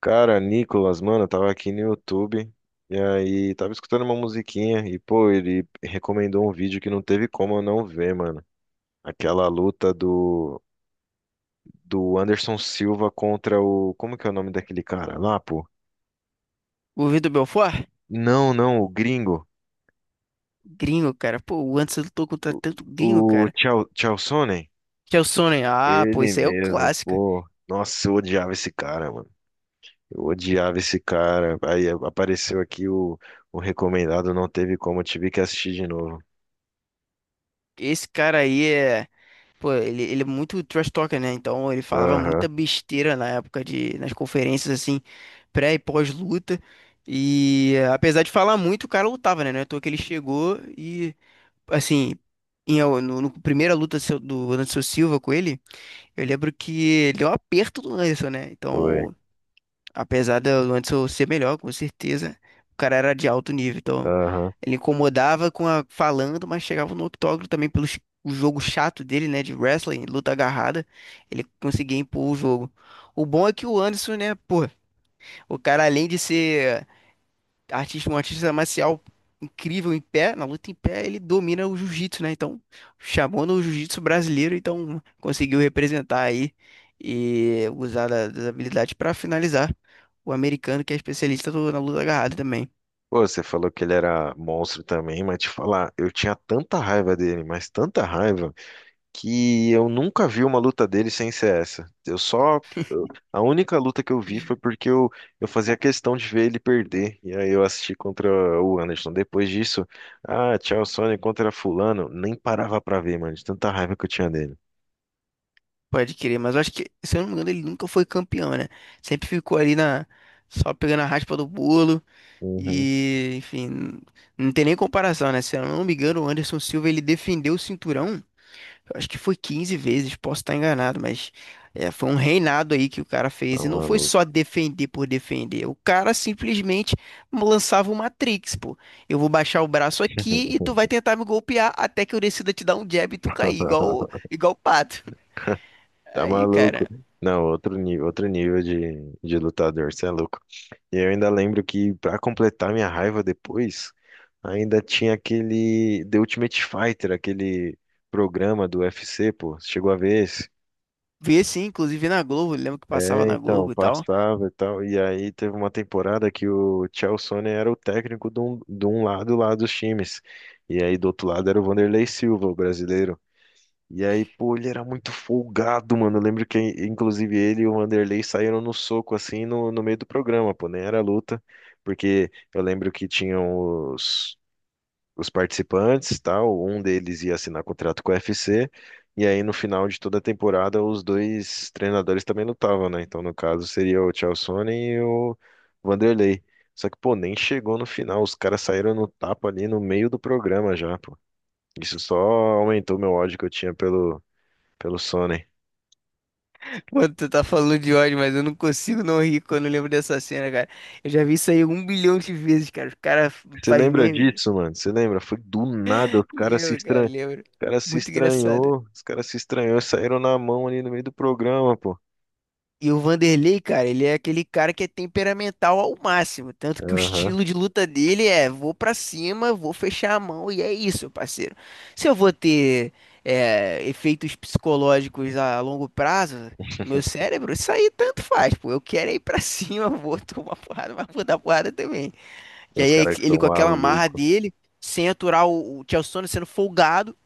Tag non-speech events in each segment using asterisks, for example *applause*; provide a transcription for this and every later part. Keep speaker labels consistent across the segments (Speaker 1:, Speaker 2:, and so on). Speaker 1: Cara, Nicolas, mano, eu tava aqui no YouTube e aí tava escutando uma musiquinha e, pô, ele recomendou um vídeo que não teve como eu não ver, mano. Aquela luta do Anderson Silva contra o. Como que é o nome daquele cara lá, pô?
Speaker 2: O Vitor Belfort?
Speaker 1: Não, não, o gringo.
Speaker 2: Gringo, cara. Pô, o Anderson lutou contra tanto gringo,
Speaker 1: O, o
Speaker 2: cara.
Speaker 1: Chael- Chaelsonnen?
Speaker 2: Chael. Ah, pô,
Speaker 1: Ele
Speaker 2: isso aí é o
Speaker 1: mesmo,
Speaker 2: clássico.
Speaker 1: pô. Nossa, eu odiava esse cara, mano. Eu odiava esse cara. Aí apareceu aqui o recomendado, não teve como, eu tive que assistir de novo.
Speaker 2: Esse cara aí é. Pô, ele é muito trash talker, né? Então ele falava muita
Speaker 1: Aham,
Speaker 2: besteira na época de. Nas conferências, assim, pré e pós-luta. E apesar de falar muito, o cara lutava, né? Não é à toa que ele chegou e, assim. Em, no primeira luta seu- do Anderson Silva com ele, eu lembro que ele deu um aperto do Anderson, né?
Speaker 1: foi.
Speaker 2: Então, apesar do Luanderson ser melhor, com certeza, o cara era de alto nível, então
Speaker 1: Aham.
Speaker 2: ele incomodava com a falando, mas chegava no octógono também pelo ch- o jogo chato dele, né, de wrestling, luta agarrada, ele conseguia impor o jogo. O bom é que o Anderson, né, pô, o cara além de ser artista, um artista marcial incrível em pé, na luta em pé, ele domina o jiu-jitsu, né? Então, chamando o jiu-jitsu brasileiro, então conseguiu representar aí e usar da- das habilidades para finalizar o americano, que é especialista do- na luta agarrada também.
Speaker 1: Pô, você falou que ele era monstro também, mas te falar, eu tinha tanta raiva dele, mas tanta raiva, que eu nunca vi uma luta dele sem ser essa. Eu- a única luta que eu vi foi porque eu fazia questão de ver ele perder. E aí eu assisti contra o Anderson. Depois disso, ah, tchau, Sony contra Fulano. Nem parava pra ver, mano, de tanta raiva que eu tinha dele.
Speaker 2: Pode querer, mas eu acho que, se eu não me engano, ele nunca foi campeão, né? Sempre ficou ali na só pegando a raspa do bolo
Speaker 1: Uhum.
Speaker 2: e, enfim, não tem nem comparação, né? Se eu não me engano, o Anderson Silva ele defendeu o cinturão. Eu acho que foi 15 vezes, posso estar enganado, mas é, foi um reinado aí que o cara
Speaker 1: Tá
Speaker 2: fez. E não foi
Speaker 1: maluco.
Speaker 2: só defender por defender. O cara simplesmente lançava o Matrix, pô. Eu vou baixar o braço aqui e tu vai
Speaker 1: *laughs*
Speaker 2: tentar me golpear até que eu decida te dar um jab e tu cair, igual, o- igual o pato. *laughs*
Speaker 1: Tá
Speaker 2: Aí,
Speaker 1: maluco.
Speaker 2: cara.
Speaker 1: Não, outro nível de lutador, você é louco. E eu ainda lembro que, pra completar minha raiva depois, ainda tinha aquele The Ultimate Fighter, aquele programa do UFC, pô. Você chegou a ver esse?
Speaker 2: Vi assim, inclusive na Globo, lembro que passava
Speaker 1: É,
Speaker 2: na
Speaker 1: então,
Speaker 2: Globo e tal.
Speaker 1: passava e tal. E aí teve uma temporada que o Chael Sonnen era o técnico de um lado lá dos times. E aí do outro lado era o Vanderlei Silva, o brasileiro. E aí, pô, ele era muito folgado, mano. Eu lembro que, inclusive, ele e o Vanderlei saíram no soco, assim, no meio do programa, pô, nem era luta. Porque eu lembro que tinham os participantes, tal. Um deles ia assinar contrato com o UFC. E aí, no final de toda a temporada, os dois treinadores também lutavam, né? Então, no caso, seria o Chaelsone e o Vanderlei. Só que, pô, nem chegou no final. Os caras saíram no tapa ali no meio do programa já, pô. Isso só aumentou meu ódio que eu tinha pelo Sony.
Speaker 2: *laughs* Mano, tu tá falando de ódio, mas eu não consigo não rir quando eu lembro dessa cena, cara. Eu já vi isso aí 1 bilhão de vezes, cara. O cara
Speaker 1: Você
Speaker 2: faz
Speaker 1: lembra
Speaker 2: meme.
Speaker 1: disso, mano? Você lembra? Foi do nada, os caras se
Speaker 2: Lembro,
Speaker 1: estran...
Speaker 2: cara, lembro.
Speaker 1: o cara se
Speaker 2: Muito engraçado.
Speaker 1: estranhou, os caras se estranhou, e saíram na mão ali no meio do programa, pô.
Speaker 2: E o Vanderlei, cara, ele é aquele cara que é temperamental ao máximo. Tanto que o
Speaker 1: Aham.
Speaker 2: estilo de luta dele é: vou pra cima, vou fechar a mão, e é isso, parceiro. Se eu vou ter efeitos psicológicos a longo prazo no meu cérebro, isso aí tanto faz, pô. Eu quero é ir pra cima, *laughs* vou tomar porrada, mas vou dar porrada também.
Speaker 1: Tem
Speaker 2: Que
Speaker 1: uns
Speaker 2: aí é
Speaker 1: caras que
Speaker 2: ele
Speaker 1: são
Speaker 2: com aquela marra
Speaker 1: malucos.
Speaker 2: dele, sem aturar o Chael Sonnen sendo folgado.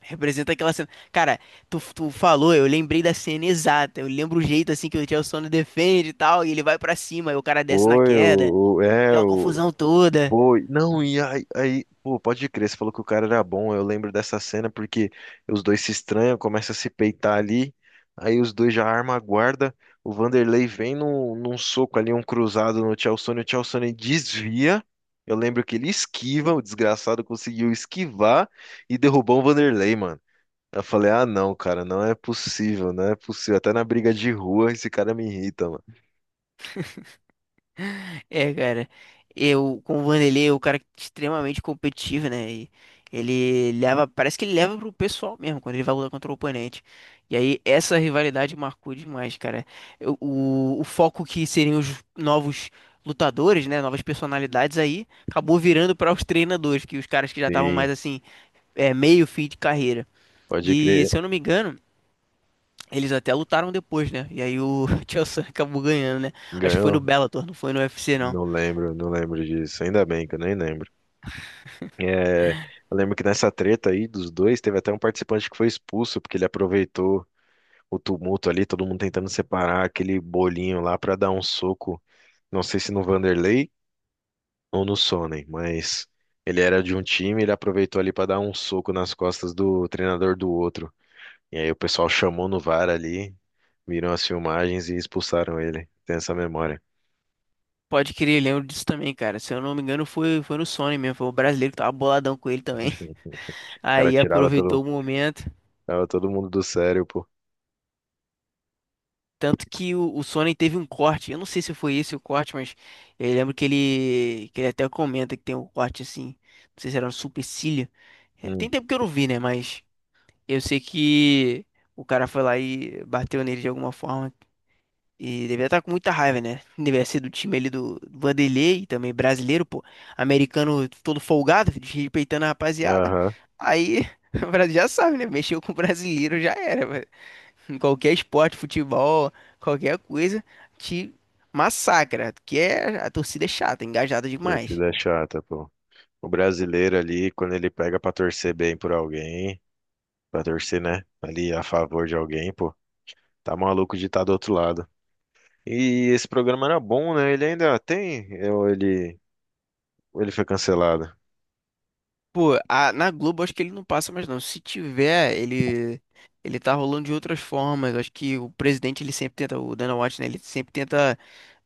Speaker 2: Representa aquela cena. Cara, tu falou, eu lembrei da cena exata. Eu lembro o jeito assim que o Chelsea defende e tal, e ele vai pra cima, e o cara desce na
Speaker 1: Foi,
Speaker 2: queda,
Speaker 1: o- é,
Speaker 2: aquela
Speaker 1: o,
Speaker 2: confusão toda.
Speaker 1: Foi. Não, e aí, aí, pô, pode crer, você falou que o cara era bom. Eu lembro dessa cena porque os dois se estranham, começam a se peitar ali. Aí os dois já armam a guarda. O Vanderlei vem num soco ali, um cruzado no Tchalsone. O Tchalsone desvia. Eu lembro que ele esquiva, o desgraçado conseguiu esquivar e derrubou o Vanderlei, mano. Eu falei, ah, não, cara, não é possível, não é possível. Até na briga de rua esse cara me irrita, mano.
Speaker 2: É, cara, eu com o Vanderlei, é o cara extremamente competitivo, né? E ele leva, parece que ele leva pro pessoal mesmo quando ele vai lutar contra o oponente. E aí essa rivalidade marcou demais, cara. Eu- o foco que seriam os novos lutadores, né? Novas personalidades aí, acabou virando para os treinadores, que os caras que já estavam
Speaker 1: Sim,
Speaker 2: mais assim, é, meio fim de carreira.
Speaker 1: pode
Speaker 2: E
Speaker 1: crer.
Speaker 2: se eu não me engano, eles até lutaram depois, né? E aí o *laughs* Tio Sam acabou ganhando, né? Acho que foi no
Speaker 1: Ganhou.
Speaker 2: Bellator, não foi no UFC, não.
Speaker 1: Não lembro, não lembro disso. Ainda bem que eu nem lembro. É, eu lembro que nessa treta aí dos dois, teve até um participante que foi expulso, porque ele aproveitou o tumulto ali, todo mundo tentando separar aquele bolinho lá pra dar um soco. Não sei se no Vanderlei ou no Sonnen, mas ele era de um time, ele aproveitou ali pra dar um soco nas costas do treinador do outro. E aí o pessoal chamou no VAR ali, viram as filmagens e expulsaram ele. Tem essa memória.
Speaker 2: Pode querer lembro disso também, cara. Se eu não me engano, foi no Sony mesmo. Foi o brasileiro que tava boladão com ele também. *laughs*
Speaker 1: O cara
Speaker 2: Aí
Speaker 1: tirava todo,
Speaker 2: aproveitou o momento.
Speaker 1: Tirava todo mundo do sério, pô.
Speaker 2: Tanto que o Sony teve um corte. Eu não sei se foi esse o corte, mas eu lembro que ele até comenta que tem um corte assim. Não sei se era no supercílio. É,
Speaker 1: Hum.
Speaker 2: tem tempo que eu não vi, né? Mas eu sei que o cara foi lá e bateu nele de alguma forma. E devia estar com muita raiva, né? Devia ser do time ali do Vanderlei, também brasileiro, pô. Americano todo folgado, desrespeitando a rapaziada.
Speaker 1: Aham.
Speaker 2: Aí, *laughs* o Brasil já sabe, né? Mexeu com o brasileiro já era, velho. Em qualquer esporte, futebol, qualquer coisa, te massacra. Que é, a torcida é chata, engajada demais.
Speaker 1: Torcida é chata, pô. O brasileiro ali, quando ele pega pra torcer bem por alguém, pra torcer, né, ali a favor de alguém, pô, tá maluco de estar do outro lado. E esse programa era bom, né? Ele ainda tem, ou ele foi cancelado?
Speaker 2: Pô, a- na Globo acho que ele não passa mais não. Se tiver, ele tá rolando de outras formas. Acho que o presidente ele sempre tenta, o Dana White, né, ele sempre tenta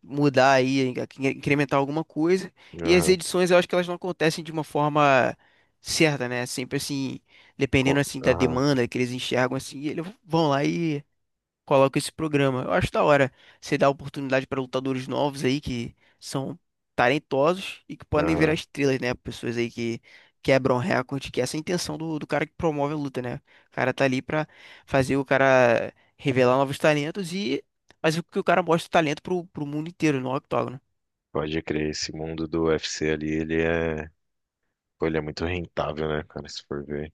Speaker 2: mudar aí, in- incrementar alguma coisa. E as
Speaker 1: Aham,
Speaker 2: edições eu acho que elas não acontecem de uma forma certa, né? Sempre assim, dependendo
Speaker 1: co-
Speaker 2: assim da
Speaker 1: aham,
Speaker 2: demanda que eles enxergam assim, eles vão lá coloca esse programa. Eu acho da hora você dar oportunidade para lutadores novos aí que são talentosos e que podem virar
Speaker 1: aham.
Speaker 2: estrelas, né? Pessoas aí que quebram recorde, que essa é a intenção do cara que promove a luta, né? O cara tá ali pra fazer o cara revelar novos talentos e mas o que o cara mostra o talento pro mundo inteiro no octógono.
Speaker 1: Pode crer, esse mundo do UFC ali, ele é, pô, ele é muito rentável, né, cara, se for ver.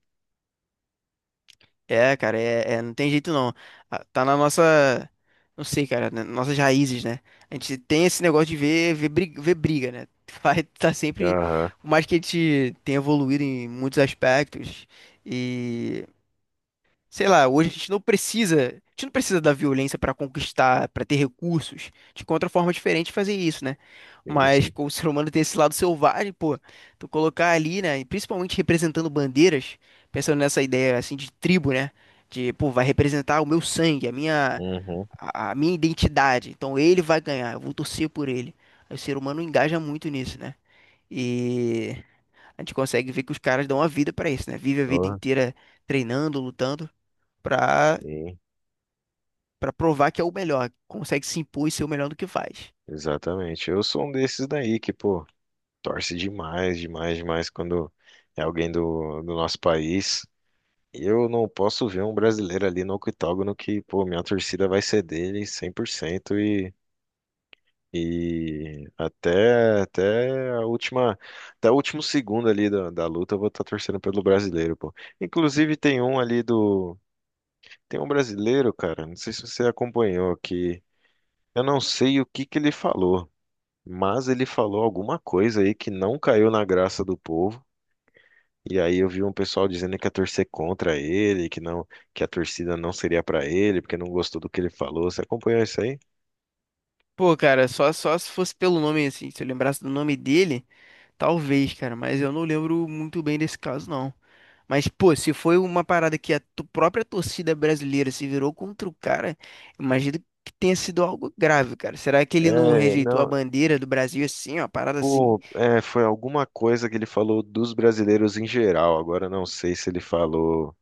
Speaker 2: É, cara, é, é- não tem jeito não. Ah, tá na nossa, não sei, cara, nas nossas raízes, né? A gente tem esse negócio de ver, ver briga, né? *laughs* Vai tá sempre,
Speaker 1: Aham,
Speaker 2: por mais que a gente tenha evoluído em muitos aspectos e sei lá, hoje a gente não precisa, a gente não precisa da violência para conquistar, para ter recursos. A gente encontra forma diferente de fazer isso, né?
Speaker 1: sim,
Speaker 2: Mas
Speaker 1: sim.
Speaker 2: com o *laughs* ser humano tem esse lado selvagem, pô, tu colocar ali, né, e principalmente representando bandeiras, pensando nessa ideia assim de tribo, né? De, pô, vai representar o meu sangue, a minha
Speaker 1: Uhum.
Speaker 2: a minha identidade. Então ele vai ganhar, eu vou torcer por ele. Aí o ser humano engaja muito nisso, né? E a gente consegue ver que os caras dão a vida pra isso, né? Vive a vida
Speaker 1: Oh,
Speaker 2: inteira treinando, lutando pra,
Speaker 1: sim,
Speaker 2: pra provar que é o melhor, consegue se impor e ser o melhor do que faz.
Speaker 1: exatamente. Eu sou um desses daí que, pô, torce demais, demais, demais quando é alguém do nosso país. Eu não posso ver um brasileiro ali no octógono que, pô, minha torcida vai ser dele 100% e até, até o último segundo ali da luta eu vou estar torcendo pelo brasileiro, pô. Inclusive tem um ali do, Tem um brasileiro, cara, não sei se você acompanhou, que eu não sei o que que ele falou. Mas ele falou alguma coisa aí que não caiu na graça do povo. E aí eu vi um pessoal dizendo que ia torcer contra ele, que não, que a torcida não seria pra ele, porque não gostou do que ele falou. Você acompanhou isso aí?
Speaker 2: Pô, cara, só se fosse pelo nome, assim, se eu lembrasse do nome dele, talvez, cara, mas eu não lembro muito bem desse caso, não. Mas, pô, se foi uma parada que a tu- própria torcida brasileira se virou contra o cara, imagino que tenha sido algo grave, cara. Será que ele não
Speaker 1: É,
Speaker 2: rejeitou a
Speaker 1: não,
Speaker 2: bandeira do Brasil assim, ó, parada assim?
Speaker 1: pô, é, Foi alguma coisa que ele falou dos brasileiros em geral. Agora eu não sei se ele falou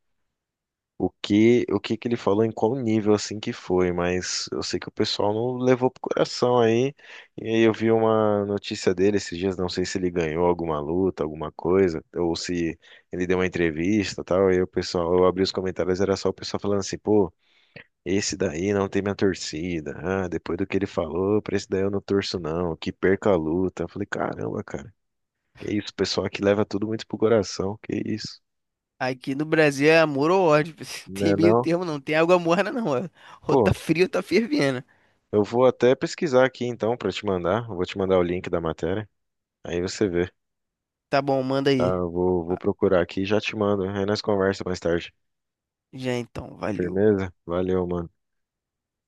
Speaker 1: o que que ele falou, em qual nível assim que foi, mas eu sei que o pessoal não levou pro coração aí. E aí eu vi uma notícia dele esses dias, não sei se ele ganhou alguma luta, alguma coisa, ou se ele deu uma entrevista, e tal. E aí o pessoal, eu abri os comentários, era só o pessoal falando assim, pô, esse daí não tem minha torcida. Ah, depois do que ele falou, pra esse daí eu não torço não, que perca a luta. Eu falei, caramba, cara. Que isso, o pessoal que leva tudo muito pro coração, que isso,
Speaker 2: Aqui no Brasil é amor ou ódio, *laughs* não tem
Speaker 1: né
Speaker 2: meio
Speaker 1: não?
Speaker 2: termo, não tem água morna, não, ó. Ou
Speaker 1: Pô,
Speaker 2: tá frio ou tá fervendo.
Speaker 1: eu vou até pesquisar aqui então para te mandar. Eu vou te mandar o link da matéria. Aí você vê,
Speaker 2: Tá bom, manda
Speaker 1: tá?
Speaker 2: aí.
Speaker 1: Eu vou, vou procurar aqui e já te mando. Aí nós conversa mais tarde.
Speaker 2: Já então, valeu.
Speaker 1: Firmeza? Valeu, mano.